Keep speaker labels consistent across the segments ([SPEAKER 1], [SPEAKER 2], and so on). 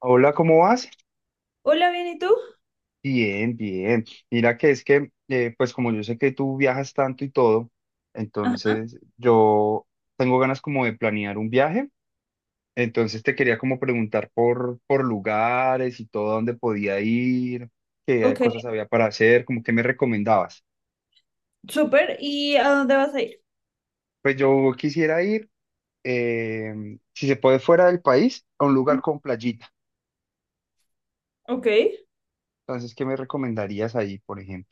[SPEAKER 1] Hola, ¿cómo vas?
[SPEAKER 2] Hola, bien, ¿y tú?
[SPEAKER 1] Bien, bien. Mira que es que, pues como yo sé que tú viajas tanto y todo,
[SPEAKER 2] Ajá,
[SPEAKER 1] entonces yo tengo ganas como de planear un viaje. Entonces te quería como preguntar por lugares y todo, dónde podía ir, qué
[SPEAKER 2] ok,
[SPEAKER 1] cosas había para hacer, como qué me recomendabas.
[SPEAKER 2] súper. ¿Y a dónde vas a ir?
[SPEAKER 1] Pues yo quisiera ir, si se puede, fuera del país, a un lugar con playita.
[SPEAKER 2] Ok,
[SPEAKER 1] Entonces, ¿qué me recomendarías ahí, por ejemplo?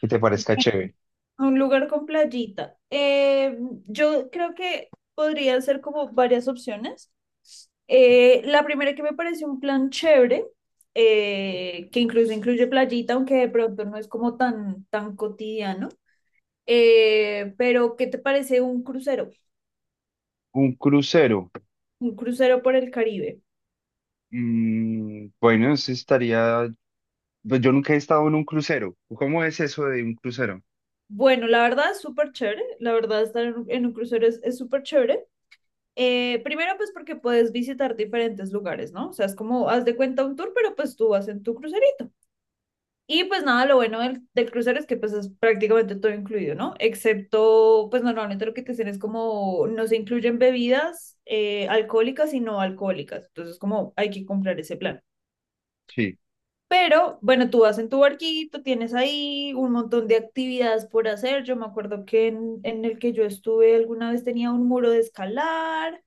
[SPEAKER 1] Que te parezca chévere.
[SPEAKER 2] a un lugar con playita. Yo creo que podrían ser como varias opciones. La primera que me parece un plan chévere, que incluso incluye playita, aunque de pronto no es como tan, tan cotidiano. Pero, ¿qué te parece un crucero?
[SPEAKER 1] Un crucero.
[SPEAKER 2] Un crucero por el Caribe.
[SPEAKER 1] Mm, bueno, eso estaría. Pues yo nunca he estado en un crucero. ¿Cómo es eso de un crucero?
[SPEAKER 2] Bueno, la verdad es súper chévere. La verdad, estar en un crucero es súper chévere. Primero, pues porque puedes visitar diferentes lugares, ¿no? O sea, es como, haz de cuenta un tour, pero pues tú vas en tu crucerito. Y pues nada, lo bueno del crucero es que pues es prácticamente todo incluido, ¿no? Excepto, pues normalmente lo que te dicen es como, no se incluyen bebidas alcohólicas y no alcohólicas. Entonces, como hay que comprar ese plan.
[SPEAKER 1] Sí.
[SPEAKER 2] Pero bueno, tú vas en tu barquito, tienes ahí un montón de actividades por hacer. Yo me acuerdo que en el que yo estuve alguna vez tenía un muro de escalar,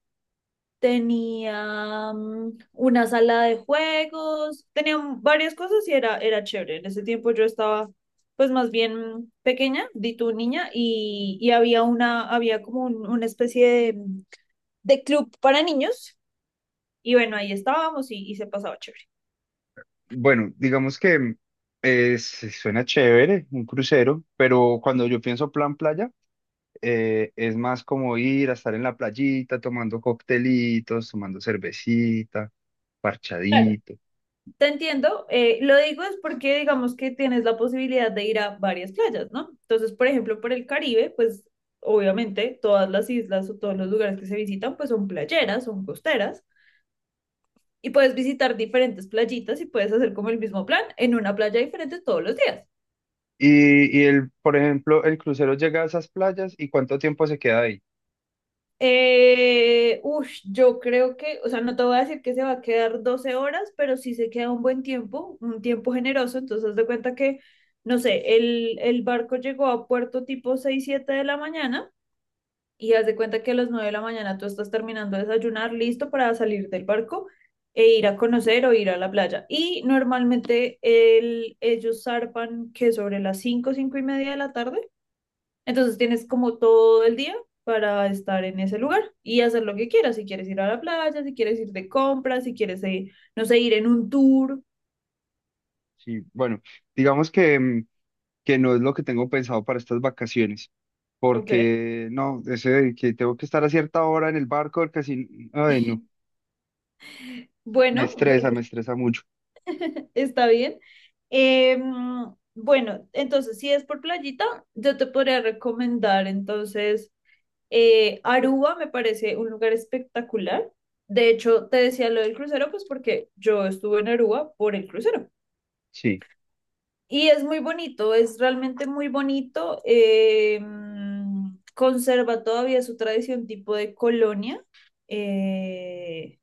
[SPEAKER 2] tenía una sala de juegos, tenía varias cosas y era chévere. En ese tiempo yo estaba pues más bien pequeña, di tu niña, y había una, había como una especie de club para niños, y bueno, ahí estábamos y se pasaba chévere.
[SPEAKER 1] Bueno, digamos que es- suena chévere un crucero, pero cuando yo pienso plan playa, es más como ir a estar en la playita tomando coctelitos, tomando cervecita,
[SPEAKER 2] Claro.
[SPEAKER 1] parchadito.
[SPEAKER 2] Te entiendo, lo digo es porque digamos que tienes la posibilidad de ir a varias playas, ¿no? Entonces, por ejemplo, por el Caribe, pues obviamente todas las islas o todos los lugares que se visitan, pues son playeras, son costeras, y puedes visitar diferentes playitas y puedes hacer como el mismo plan en una playa diferente todos los días.
[SPEAKER 1] Y el, por ejemplo, el crucero llega a esas playas y ¿cuánto tiempo se queda ahí?
[SPEAKER 2] Yo creo que, o sea, no te voy a decir que se va a quedar 12 horas, pero sí se queda un buen tiempo, un tiempo generoso. Entonces, haz de cuenta que, no sé, el barco llegó a puerto tipo 6 7 de la mañana y haz de cuenta que a las 9 de la mañana tú estás terminando de desayunar, listo para salir del barco e ir a conocer o ir a la playa. Y normalmente ellos zarpan que sobre las 5, 5 y media de la tarde. Entonces tienes como todo el día para estar en ese lugar y hacer lo que quieras. Si quieres ir a la playa, si quieres ir de compras, si quieres, no sé, ir en un tour.
[SPEAKER 1] Sí, bueno, digamos que no es lo que tengo pensado para estas vacaciones,
[SPEAKER 2] Ok.
[SPEAKER 1] porque no, ese de que tengo que estar a cierta hora en el barco, casi, ay, no, me
[SPEAKER 2] Bueno,
[SPEAKER 1] estresa, me estresa mucho.
[SPEAKER 2] está bien. Eh, bueno, entonces, si es por playita, yo te podría recomendar entonces Aruba, me parece un lugar espectacular. De hecho, te decía lo del crucero, pues porque yo estuve en Aruba por el crucero.
[SPEAKER 1] Sí,
[SPEAKER 2] Y es muy bonito, es realmente muy bonito. Conserva todavía su tradición tipo de colonia. Eh,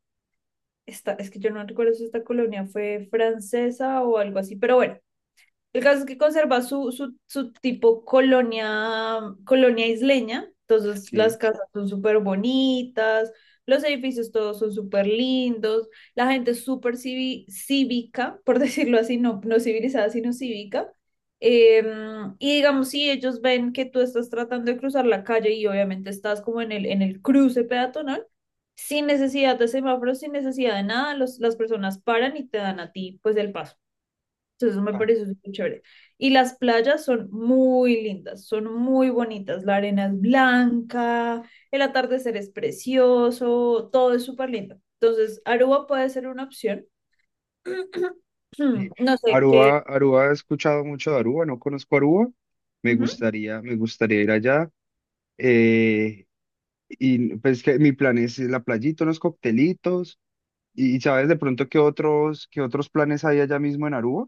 [SPEAKER 2] es que yo no recuerdo si esta colonia fue francesa o algo así, pero bueno, el caso es que conserva su tipo colonia, colonia isleña, entonces
[SPEAKER 1] sí.
[SPEAKER 2] las casas son súper bonitas, los edificios todos son súper lindos, la gente es súper cívica, por decirlo así, no, no civilizada, sino cívica. Y digamos, si ellos ven que tú estás tratando de cruzar la calle y obviamente estás como en el cruce peatonal, sin necesidad de semáforos, sin necesidad de nada, las personas paran y te dan a ti pues el paso. Entonces, eso me
[SPEAKER 1] Ah,
[SPEAKER 2] pareció súper chévere. Y las playas son muy lindas, son muy bonitas. La arena es blanca, el atardecer es precioso, todo es súper lindo. Entonces, Aruba puede ser una opción.
[SPEAKER 1] sí.
[SPEAKER 2] No sé qué.
[SPEAKER 1] Aruba, Aruba, he escuchado mucho de Aruba, no conozco Aruba, me
[SPEAKER 2] Ujú,
[SPEAKER 1] gustaría, me gustaría ir allá. eh, y pues que mi plan es la playita, unos coctelitos, ¿Y sabes de pronto qué otros, planes hay allá mismo en Aruba?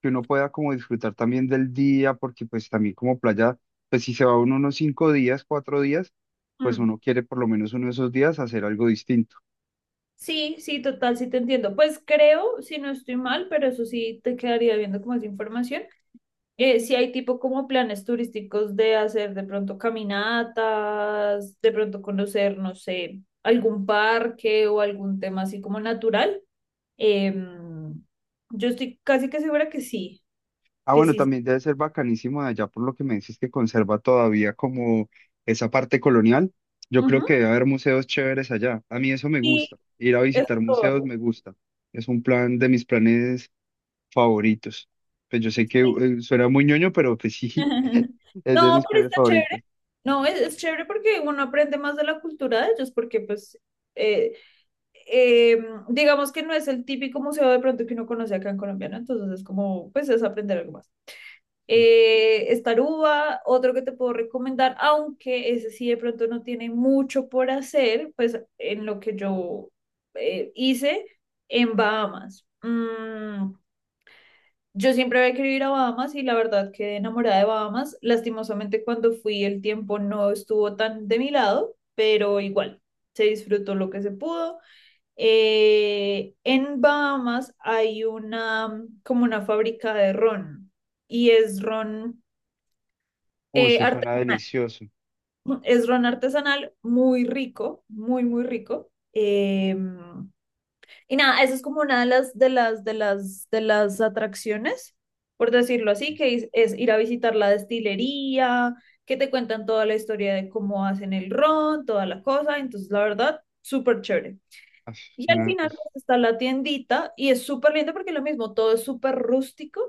[SPEAKER 1] Que uno pueda como disfrutar también del día, porque pues también como playa, pues si se va uno unos 5 días, 4 días, pues
[SPEAKER 2] mm.
[SPEAKER 1] uno quiere por lo menos uno de esos días hacer algo distinto.
[SPEAKER 2] Sí, sí, total, sí te entiendo. Pues creo, si no estoy mal, pero eso sí te quedaría viendo como esa información. Si hay tipo como planes turísticos de hacer de pronto caminatas, de pronto conocer, no sé, algún parque o algún tema así como natural. Em, yo estoy casi que segura que sí,
[SPEAKER 1] Ah,
[SPEAKER 2] que
[SPEAKER 1] bueno,
[SPEAKER 2] sí.
[SPEAKER 1] también debe ser bacanísimo de allá por lo que me dices que conserva todavía como esa parte colonial. Yo creo
[SPEAKER 2] Ujú.
[SPEAKER 1] que debe haber museos chéveres allá. A mí eso me
[SPEAKER 2] Y
[SPEAKER 1] gusta. Ir a
[SPEAKER 2] es
[SPEAKER 1] visitar museos
[SPEAKER 2] todo.
[SPEAKER 1] me gusta. Es un plan de mis planes favoritos. Pues yo sé que
[SPEAKER 2] Sí.
[SPEAKER 1] suena muy ñoño, pero pues sí, es de
[SPEAKER 2] No,
[SPEAKER 1] mis
[SPEAKER 2] pero
[SPEAKER 1] planes
[SPEAKER 2] está
[SPEAKER 1] favoritos.
[SPEAKER 2] chévere. No, es chévere porque uno aprende más de la cultura de ellos, porque pues, eh, eh, digamos que no es el típico museo de pronto que uno conoce acá en Colombia, ¿no? Entonces es como, pues es aprender algo más.
[SPEAKER 1] Sí.
[SPEAKER 2] Estaruba, otro que te puedo recomendar, aunque ese sí de pronto no tiene mucho por hacer, pues en lo que yo hice en Bahamas. Yo siempre había querido ir a Bahamas y la verdad quedé enamorada de Bahamas. Lastimosamente cuando fui el tiempo no estuvo tan de mi lado, pero igual se disfrutó lo que se pudo. En Bahamas hay una como una fábrica de ron y es ron
[SPEAKER 1] Uy, eso suena
[SPEAKER 2] artesanal.
[SPEAKER 1] delicioso.
[SPEAKER 2] Es ron artesanal, muy rico, muy, muy rico. Y nada, eso es como una de las atracciones, por decirlo así,
[SPEAKER 1] Sí,
[SPEAKER 2] que es ir a visitar la destilería, que te cuentan toda la historia de cómo hacen el ron, toda la cosa. Entonces, la verdad, súper chévere.
[SPEAKER 1] Ah,
[SPEAKER 2] Y al
[SPEAKER 1] suena-
[SPEAKER 2] final pues,
[SPEAKER 1] es-
[SPEAKER 2] está la tiendita y es súper lindo porque lo mismo, todo es súper rústico.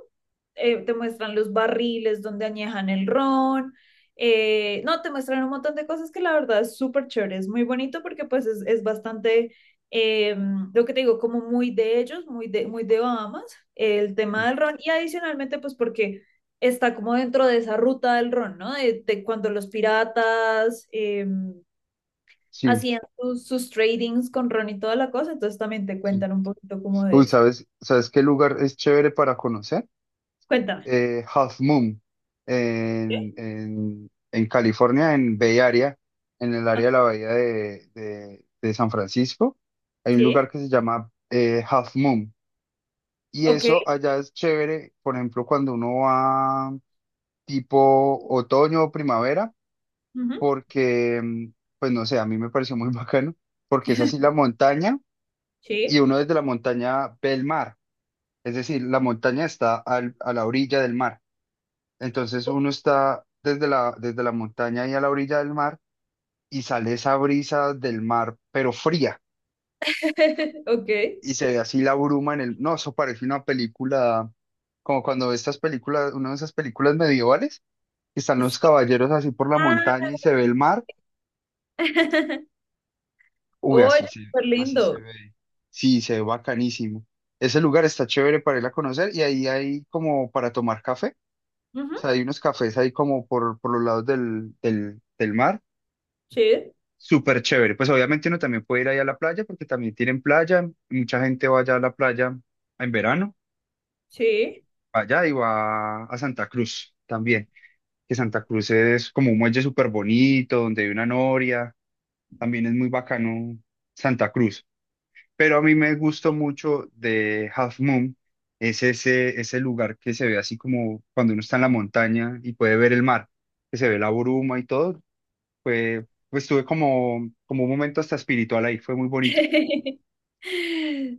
[SPEAKER 2] Te muestran los barriles donde añejan el ron. No, te muestran un montón de cosas que la verdad es súper chévere. Es muy bonito porque pues es bastante, eh, lo que te digo, como muy de ellos, muy de Bahamas, el
[SPEAKER 1] sí,
[SPEAKER 2] tema del ron. Y adicionalmente pues porque está como dentro de esa ruta del ron, ¿no? De cuando los piratas...
[SPEAKER 1] sí,
[SPEAKER 2] hacían sus tradings con Ron y toda la cosa, entonces también te
[SPEAKER 1] sí.
[SPEAKER 2] cuentan un poquito como de
[SPEAKER 1] Uy,
[SPEAKER 2] eso.
[SPEAKER 1] ¿sabes qué lugar es chévere para conocer?
[SPEAKER 2] Cuéntame.
[SPEAKER 1] Half Moon,
[SPEAKER 2] ¿Sí?
[SPEAKER 1] en California, en Bay Area, en el
[SPEAKER 2] Ah,
[SPEAKER 1] área de la bahía de San Francisco. Hay un
[SPEAKER 2] sí,
[SPEAKER 1] lugar que se llama Half Moon. Y
[SPEAKER 2] ok.
[SPEAKER 1] eso allá es chévere, por ejemplo, cuando uno va tipo otoño o primavera,
[SPEAKER 2] Ujú,
[SPEAKER 1] porque, pues no sé, a mí me pareció muy bacano, porque es así la montaña y
[SPEAKER 2] sí,
[SPEAKER 1] uno desde la montaña ve el mar, es decir, la montaña está a la orilla del mar, entonces uno está desde la montaña y a la orilla del mar y sale esa brisa del mar, pero fría,
[SPEAKER 2] ok.
[SPEAKER 1] y se ve así la bruma en el, no, eso parece una película, como cuando ves estas películas, una de esas películas medievales, que están
[SPEAKER 2] Sí.
[SPEAKER 1] los caballeros así por la
[SPEAKER 2] Ah.
[SPEAKER 1] montaña y se ve el mar. Uy,
[SPEAKER 2] Oye,
[SPEAKER 1] así se,
[SPEAKER 2] súper
[SPEAKER 1] así se
[SPEAKER 2] lindo.
[SPEAKER 1] ve. Sí, se ve bacanísimo. Ese lugar está chévere para ir a conocer y ahí hay como para tomar café. O
[SPEAKER 2] Ujú,
[SPEAKER 1] sea, hay unos cafés ahí como por los lados del mar.
[SPEAKER 2] sí,
[SPEAKER 1] Súper chévere. Pues obviamente uno también puede ir ahí a la playa porque también tienen playa. Mucha gente va allá a la playa en verano.
[SPEAKER 2] sí.
[SPEAKER 1] Va allá y va a Santa Cruz también. Que Santa Cruz es como un muelle súper bonito donde hay una noria. También es muy bacano Santa Cruz. Pero a mí me gustó mucho de Half Moon, es ese, ese lugar que se ve así como cuando uno está en la montaña y puede ver el mar, que se ve la bruma y todo. Fue, pues tuve como, como un momento hasta espiritual ahí, fue muy bonito.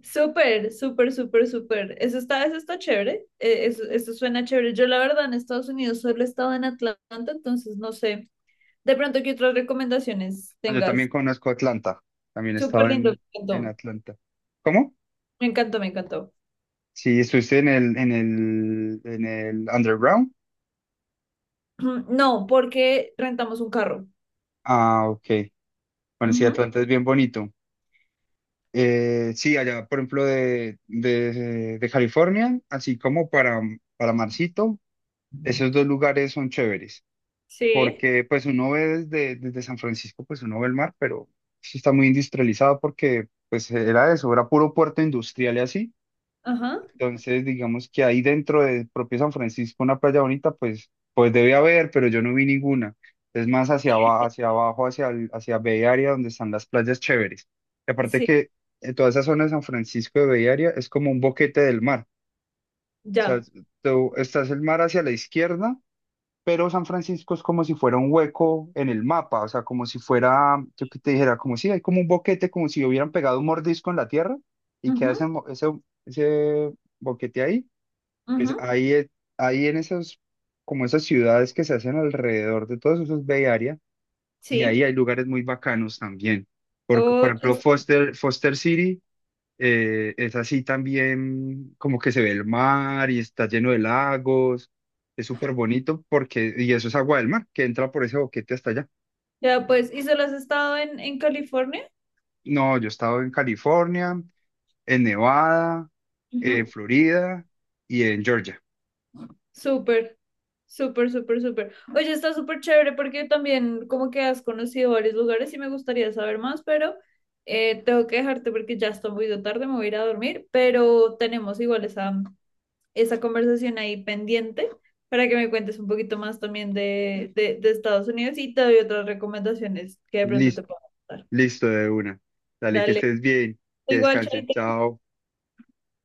[SPEAKER 2] Súper, súper, súper, súper. Eso está chévere. Eso, eso suena chévere. Yo, la verdad, en Estados Unidos solo he estado en Atlanta, entonces no sé. De pronto, ¿qué otras recomendaciones
[SPEAKER 1] Ah, yo también
[SPEAKER 2] tengas?
[SPEAKER 1] conozco Atlanta, también he
[SPEAKER 2] Súper
[SPEAKER 1] estado
[SPEAKER 2] lindo, me
[SPEAKER 1] en
[SPEAKER 2] encantó.
[SPEAKER 1] Atlanta. ¿Cómo?
[SPEAKER 2] Me encantó, me encantó.
[SPEAKER 1] Sí, estuviste en el Underground.
[SPEAKER 2] No, porque rentamos un carro.
[SPEAKER 1] Ah, ok. Bueno, sí,
[SPEAKER 2] Ujú,
[SPEAKER 1] Atlanta es bien bonito. Sí, allá, por ejemplo, de California, así como para Marcito, esos dos lugares son chéveres,
[SPEAKER 2] sí,
[SPEAKER 1] porque pues uno ve desde San Francisco, pues uno ve el mar, pero sí está muy industrializado porque pues era eso, era puro puerto industrial y así,
[SPEAKER 2] ajá,
[SPEAKER 1] entonces, digamos que ahí dentro de propio San Francisco, una playa bonita, pues, pues debe haber, pero yo no vi ninguna. Es más hacia abajo, hacia abajo, hacia Bay Area, donde están las playas chéveres. Y aparte
[SPEAKER 2] sí,
[SPEAKER 1] que toda esa zona de San Francisco de Bay Area es como un boquete del mar. O sea,
[SPEAKER 2] ya.
[SPEAKER 1] tú estás el mar hacia la izquierda, pero San Francisco es como si fuera un hueco en el mapa. O sea, como si fuera, yo que te dijera, como si hay como un boquete, como si hubieran pegado un mordisco en la tierra y queda
[SPEAKER 2] Ujú,
[SPEAKER 1] ese boquete ahí es
[SPEAKER 2] ujú,
[SPEAKER 1] ahí, es- ahí en esas, como esas ciudades que se hacen alrededor de todos esos Bay Area, y ahí
[SPEAKER 2] sí.
[SPEAKER 1] hay lugares muy bacanos también. Por
[SPEAKER 2] Oye,
[SPEAKER 1] ejemplo,
[SPEAKER 2] sí,
[SPEAKER 1] Foster City es así también, como que se ve el mar y está lleno de lagos, es súper bonito porque, y eso es agua del mar que entra por ese boquete hasta allá.
[SPEAKER 2] ya pues, ¿y solo has estado en California?
[SPEAKER 1] No, yo he estado en California, en Nevada, en
[SPEAKER 2] Ujú,
[SPEAKER 1] Florida y en Georgia.
[SPEAKER 2] súper, súper, súper, súper. Oye, está súper chévere porque también como que has conocido varios lugares y me gustaría saber más, pero tengo que dejarte porque ya está muy de tarde, me voy a ir a dormir, pero tenemos igual esa conversación ahí pendiente para que me cuentes un poquito más también de Estados Unidos y te doy otras recomendaciones que de pronto te puedan dar.
[SPEAKER 1] Listo, de una. Dale, que
[SPEAKER 2] Dale.
[SPEAKER 1] estés bien, que
[SPEAKER 2] Igual,
[SPEAKER 1] descanses.
[SPEAKER 2] Chaito.
[SPEAKER 1] Chao.